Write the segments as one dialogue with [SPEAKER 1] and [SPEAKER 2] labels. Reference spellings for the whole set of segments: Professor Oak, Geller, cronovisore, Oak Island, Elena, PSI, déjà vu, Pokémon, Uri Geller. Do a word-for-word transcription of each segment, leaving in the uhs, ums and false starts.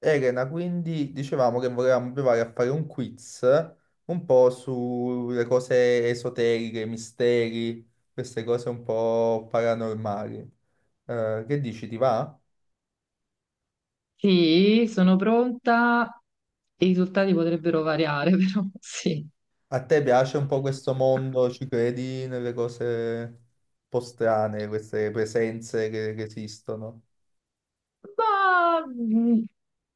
[SPEAKER 1] Elena, quindi dicevamo che volevamo provare a fare un quiz un po' sulle cose esoteriche, misteri, queste cose un po' paranormali. Eh, che dici, ti va?
[SPEAKER 2] Sì, sono pronta. I risultati potrebbero variare, però sì.
[SPEAKER 1] A te piace un po' questo mondo? Ci credi nelle cose un po' strane, queste presenze che, che esistono?
[SPEAKER 2] Ma mm,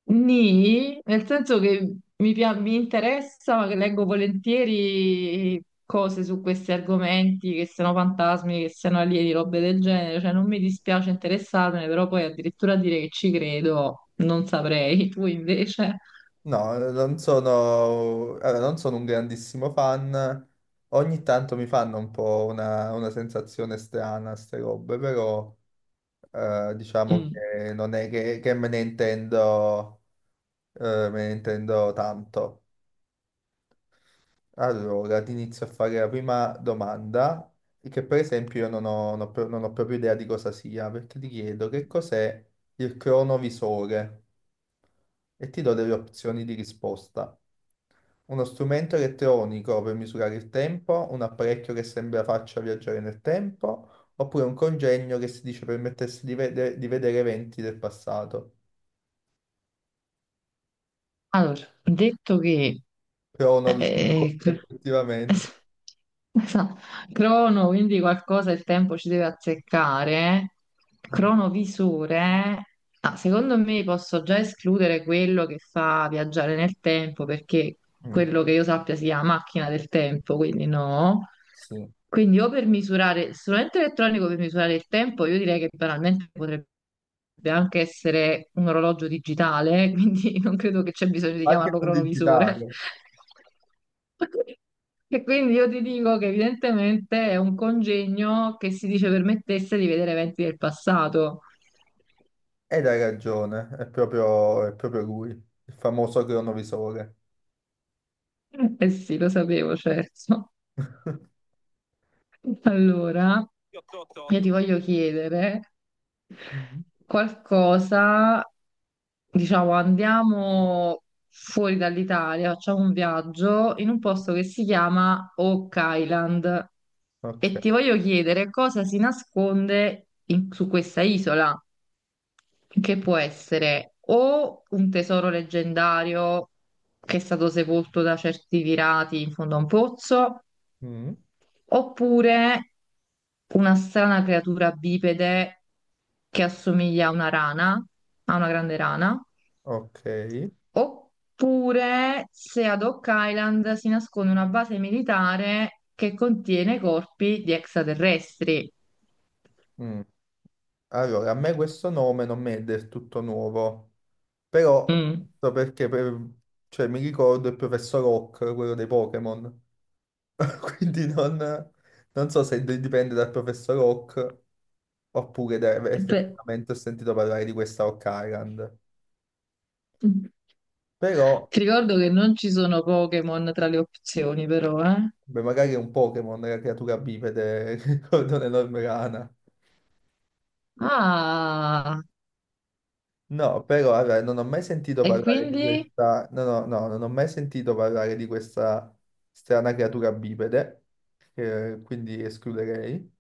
[SPEAKER 2] nì, nel senso che mi, pia- mi interessa, ma che leggo volentieri cose su questi argomenti, che siano fantasmi, che siano alieni, robe del genere. Cioè, non mi dispiace interessarmene, però poi addirittura dire che ci credo, non saprei. Tu invece?
[SPEAKER 1] No, non sono, allora, non sono un grandissimo fan. Ogni tanto mi fanno un po' una, una sensazione strana, queste robe, però... Eh, diciamo
[SPEAKER 2] Mm.
[SPEAKER 1] che non è che, che me ne intendo, eh, me ne intendo tanto. Allora, ti inizio a fare la prima domanda, che per esempio io non ho, non ho pro- non ho proprio idea di cosa sia, perché ti chiedo che cos'è il cronovisore e ti do delle opzioni di risposta. Uno strumento elettronico per misurare il tempo, un apparecchio che sembra faccia viaggiare nel tempo, oppure un congegno che si dice permettesse di vede- di vedere eventi del passato.
[SPEAKER 2] Allora, detto che
[SPEAKER 1] Però ho
[SPEAKER 2] Eh,
[SPEAKER 1] novità,
[SPEAKER 2] eh, cr-
[SPEAKER 1] effettivamente.
[SPEAKER 2] Esatto. Crono, quindi qualcosa il tempo ci deve azzeccare.
[SPEAKER 1] Mm,
[SPEAKER 2] Cronovisore. Ah, secondo me posso già escludere quello che fa viaggiare nel tempo, perché
[SPEAKER 1] mm,
[SPEAKER 2] quello che io sappia sia macchina del tempo, quindi no.
[SPEAKER 1] sì.
[SPEAKER 2] Quindi o per misurare il strumento elettronico per misurare il tempo, io direi che banalmente potrebbe anche essere un orologio digitale, quindi non credo che c'è bisogno di
[SPEAKER 1] Anche
[SPEAKER 2] chiamarlo
[SPEAKER 1] non
[SPEAKER 2] cronovisore.
[SPEAKER 1] digitale.
[SPEAKER 2] E quindi io ti dico che evidentemente è un congegno che si dice permettesse di vedere eventi del passato.
[SPEAKER 1] Ed hai ragione, è proprio, è proprio lui, il famoso cronovisore.
[SPEAKER 2] Eh sì, lo sapevo, certo. Allora, io ti voglio chiedere
[SPEAKER 1] Mhm.
[SPEAKER 2] qualcosa, diciamo, andiamo fuori dall'Italia, facciamo un viaggio in un posto che si chiama Oak Island e
[SPEAKER 1] Ok.
[SPEAKER 2] ti voglio chiedere cosa si nasconde in- su questa isola, che può essere o un tesoro leggendario che è stato sepolto da certi pirati in fondo a un pozzo,
[SPEAKER 1] Mm,
[SPEAKER 2] oppure una strana creatura bipede che assomiglia a una rana, a una grande rana,
[SPEAKER 1] ok.
[SPEAKER 2] oppure se ad Oak Island si nasconde una base militare che contiene corpi di extraterrestri.
[SPEAKER 1] Mm. Allora, a me questo nome non mi è del tutto nuovo, però
[SPEAKER 2] Mm.
[SPEAKER 1] so perché per- cioè, mi ricordo il professor Oak, quello dei Pokémon. Quindi non, non so se dipende dal professor Oak. Oppure deve-
[SPEAKER 2] Beh,
[SPEAKER 1] effettivamente ho sentito parlare di questa Occurrent. Però,
[SPEAKER 2] ti ricordo che non ci sono Pokémon tra le opzioni, però, eh?
[SPEAKER 1] beh, magari è un Pokémon, è la creatura bipede con un'enorme rana.
[SPEAKER 2] Ah,
[SPEAKER 1] No, però allora, non ho mai sentito
[SPEAKER 2] e
[SPEAKER 1] parlare di
[SPEAKER 2] quindi?
[SPEAKER 1] questa. No, no, no, non ho mai sentito parlare di questa strana creatura bipede, eh, quindi escluderei.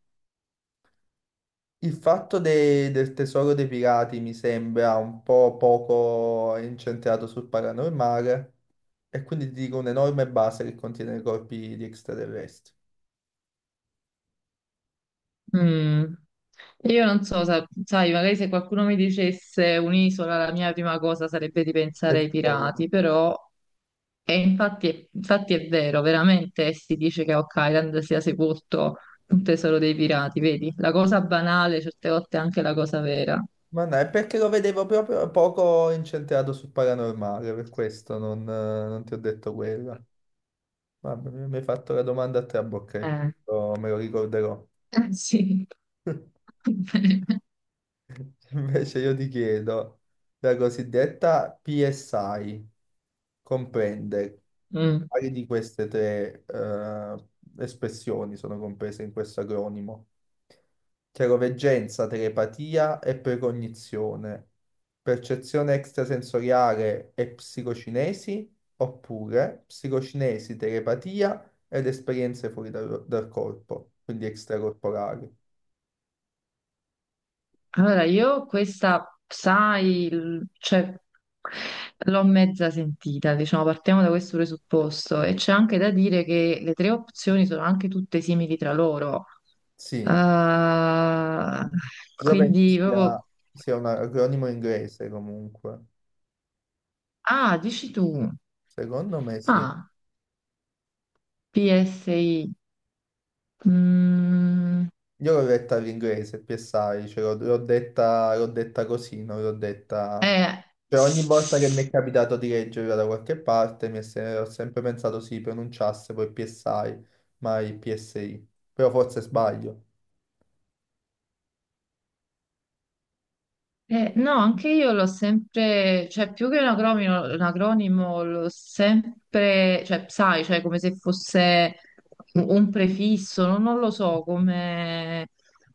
[SPEAKER 1] Il fatto de- del tesoro dei pirati mi sembra un po' poco incentrato sul paranormale, e quindi ti dico un'enorme base che contiene i corpi di extraterrestri.
[SPEAKER 2] Mm, io non so, sa- sai, magari se qualcuno mi dicesse un'isola, la mia prima cosa sarebbe di pensare ai
[SPEAKER 1] Tesoro.
[SPEAKER 2] pirati, però, e infatti, infatti è vero, veramente si dice che a Oak Island sia sepolto un tesoro dei pirati, vedi? La cosa banale, certe volte è anche la cosa vera.
[SPEAKER 1] Ma no, è perché lo vedevo proprio poco incentrato sul paranormale, per questo non, eh, non ti ho detto quella. Vabbè, mi mi hai fatto la domanda a trabocchi,
[SPEAKER 2] Eh,
[SPEAKER 1] oh, me lo ricorderò.
[SPEAKER 2] Eh, sì.
[SPEAKER 1] Invece io ti chiedo, la cosiddetta PSI comprende
[SPEAKER 2] Mm.
[SPEAKER 1] paio di queste tre eh, espressioni sono comprese in questo acronimo. Chiaroveggenza, telepatia e precognizione. Percezione extrasensoriale e psicocinesi, oppure psicocinesi, telepatia ed esperienze fuori dal, dal corpo, quindi extracorporali.
[SPEAKER 2] Allora, io questa, sai, il- cioè, l'ho mezza sentita, diciamo, partiamo da questo presupposto e c'è anche da dire che le tre opzioni sono anche tutte simili tra loro.
[SPEAKER 1] Sì,
[SPEAKER 2] Ah,
[SPEAKER 1] io penso
[SPEAKER 2] quindi proprio...
[SPEAKER 1] sia, sia un acronimo inglese comunque.
[SPEAKER 2] Ah, dici tu.
[SPEAKER 1] Secondo me sì.
[SPEAKER 2] Ah, P S I. Mm,
[SPEAKER 1] Io l'ho detta all'inglese, PSI, cioè l'ho l'ho detta, l'ho detta così, non l'ho detta...
[SPEAKER 2] eh,
[SPEAKER 1] Cioè ogni volta che mi è capitato di leggerla da qualche parte mi è se- ho sempre pensato si pronunciasse poi PSI, mai PSI. Però forse sbaglio.
[SPEAKER 2] eh, no, anche io l'ho sempre, cioè più che un acronimo, un acronimo l'ho sempre, cioè sai, cioè come se fosse un un prefisso, non, non lo so, come...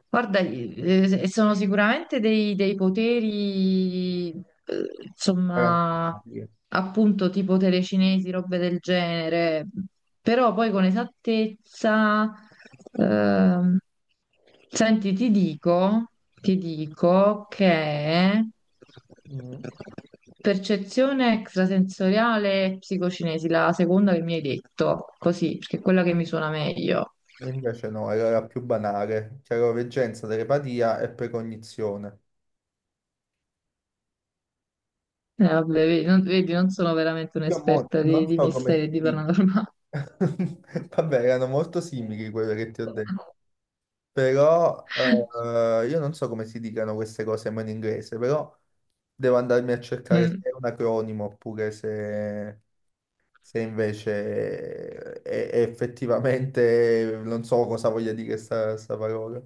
[SPEAKER 2] Guarda, eh, sono sicuramente dei, dei poteri, eh,
[SPEAKER 1] Era
[SPEAKER 2] insomma,
[SPEAKER 1] normale.
[SPEAKER 2] appunto tipo telecinesi, robe del genere, però poi con esattezza... ehm, senti, ti dico, ti dico che
[SPEAKER 1] Mm.
[SPEAKER 2] percezione extrasensoriale e psicocinesi, la seconda che mi hai detto, così, perché è quella che mi suona meglio.
[SPEAKER 1] Invece no, era la più banale. Chiaroveggenza, telepatia e precognizione.
[SPEAKER 2] Eh, vabbè, vedi, non, vedi, non sono veramente
[SPEAKER 1] Io mo
[SPEAKER 2] un'esperta di,
[SPEAKER 1] non
[SPEAKER 2] di
[SPEAKER 1] so come
[SPEAKER 2] misteri e di
[SPEAKER 1] si...
[SPEAKER 2] paranormale.
[SPEAKER 1] Vabbè, erano molto simili quelle che ti ho detto. Però eh, io non so come si dicano queste cose ma in inglese, però devo andarmi a cercare se
[SPEAKER 2] Mm.
[SPEAKER 1] è un acronimo oppure se, se invece è, è effettivamente non so cosa voglia dire sta, sta parola.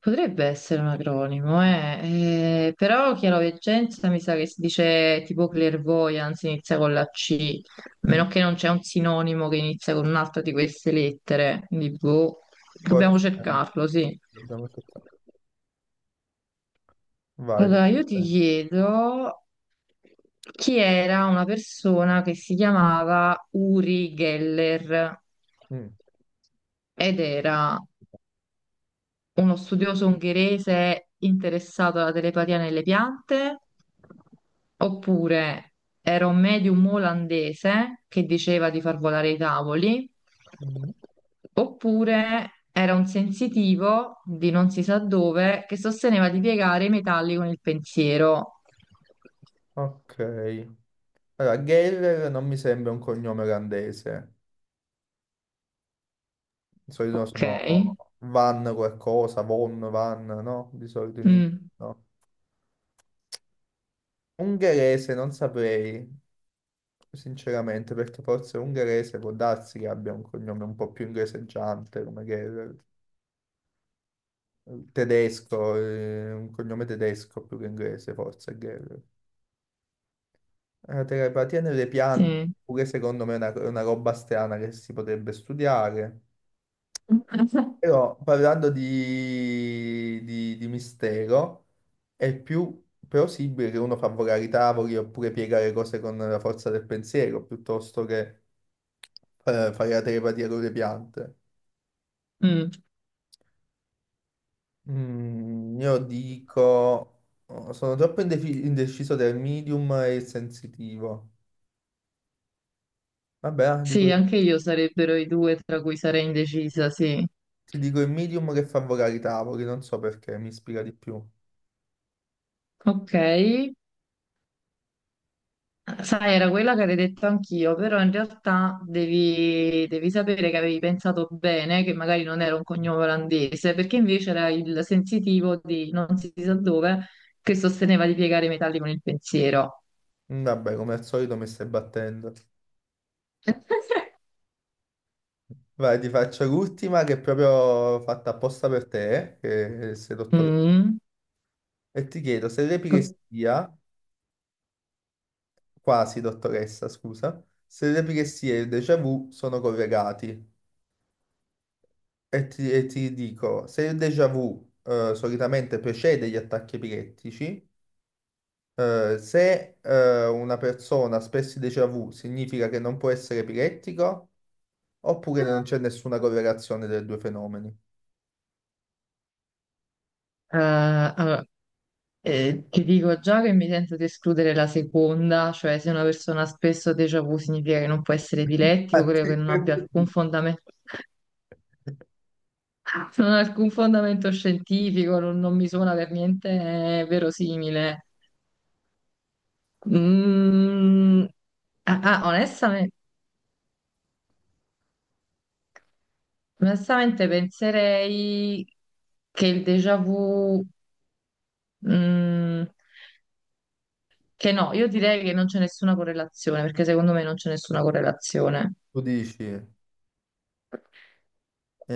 [SPEAKER 2] Potrebbe essere un acronimo, eh. Eh, però chiaroveggenza mi sa che si dice tipo clairvoyance, inizia con la C, a
[SPEAKER 1] Mm.
[SPEAKER 2] meno che non c'è un sinonimo che inizia con un'altra di queste lettere, quindi boh, dobbiamo
[SPEAKER 1] Forse
[SPEAKER 2] cercarlo, sì.
[SPEAKER 1] dobbiamo cercare. Vai. Te.
[SPEAKER 2] Allora, io ti chiedo chi era una persona che si chiamava Uri Geller
[SPEAKER 1] Mm.
[SPEAKER 2] ed era uno studioso ungherese interessato alla telepatia nelle piante, oppure era un medium olandese che diceva di far volare i tavoli,
[SPEAKER 1] Mm.
[SPEAKER 2] oppure era un sensitivo di non si sa dove che sosteneva di piegare i metalli con il pensiero.
[SPEAKER 1] Ok. Allora, Geller non mi sembra un cognome olandese. Di solito
[SPEAKER 2] Ok.
[SPEAKER 1] sono Van qualcosa, Von, Van, no? Di solito in,
[SPEAKER 2] Mm,
[SPEAKER 1] no? Ungherese non saprei, sinceramente, perché forse ungherese può darsi che abbia un cognome un po' più ingreseggiante, come Gerrer. Tedesco, eh, un cognome tedesco più che inglese, forse Gerrer. La telepatia nelle piante,
[SPEAKER 2] sì.
[SPEAKER 1] pure secondo me è una, è una roba strana che si potrebbe studiare. Però parlando di, di- di mistero, è più plausibile che uno fa volare i tavoli oppure piegare cose con la forza del pensiero, piuttosto che eh, fai la telepatia con le piante.
[SPEAKER 2] Mm,
[SPEAKER 1] Mm, io dico, oh, sono troppo indefi- indeciso tra il medium e il sensitivo. Vabbè, ah,
[SPEAKER 2] sì,
[SPEAKER 1] dico-
[SPEAKER 2] anche io sarebbero i due tra cui sarei indecisa, sì.
[SPEAKER 1] ti dico il medium che fa volare i tavoli, non so perché, mi ispira di più.
[SPEAKER 2] Ok. Sai, era quella che avevo detto anch'io, però in realtà devi, devi sapere che avevi pensato bene, che magari non era un cognome olandese, perché invece era il sensitivo di non si sa dove che sosteneva di piegare i metalli con il pensiero.
[SPEAKER 1] Mm, vabbè, come al solito mi stai battendo. Vai, ti faccio l'ultima che è proprio fatta apposta per te, che sei dottoressa.
[SPEAKER 2] Mm.
[SPEAKER 1] E ti chiedo se
[SPEAKER 2] Co-
[SPEAKER 1] l'epilessia, quasi dottoressa, scusa, se l'epilessia e il déjà vu sono collegati. E ti, e ti dico, se il déjà vu eh, solitamente precede gli attacchi epilettici, eh, se eh, una persona ha espresso il déjà vu significa che non può essere epilettico, oppure non c'è nessuna correlazione dei due fenomeni.
[SPEAKER 2] eh, allora, eh, ti dico già che mi sento di escludere la seconda, cioè se una persona spesso ha déjà vu significa che non può essere epilettico, credo che
[SPEAKER 1] Infatti.
[SPEAKER 2] non abbia alcun fondamento. Non ha alcun fondamento scientifico, non, non mi suona per niente eh, verosimile. Mm, ah, ah, onestamente, onestamente penserei che il déjà vu, mm, che no, io direi che non c'è nessuna correlazione, perché secondo me non c'è nessuna correlazione.
[SPEAKER 1] Tu dici, e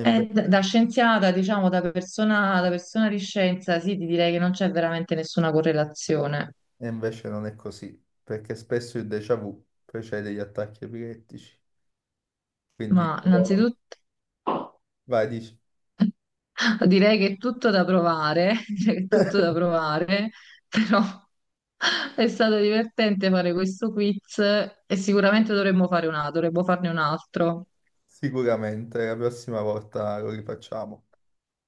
[SPEAKER 1] inve-
[SPEAKER 2] Eh, da, da scienziata, diciamo, da persona, da persona di scienza, sì, ti direi che non c'è veramente nessuna correlazione.
[SPEAKER 1] e invece non è così, perché spesso il déjà vu precede gli attacchi epilettici. Quindi,
[SPEAKER 2] Ma innanzitutto.
[SPEAKER 1] vai, dici,
[SPEAKER 2] Direi che è tutto da provare, direi che è tutto da provare, però è stato divertente fare questo quiz e sicuramente dovremmo fare un altro, dovremmo farne un altro.
[SPEAKER 1] sicuramente la prossima volta lo rifacciamo.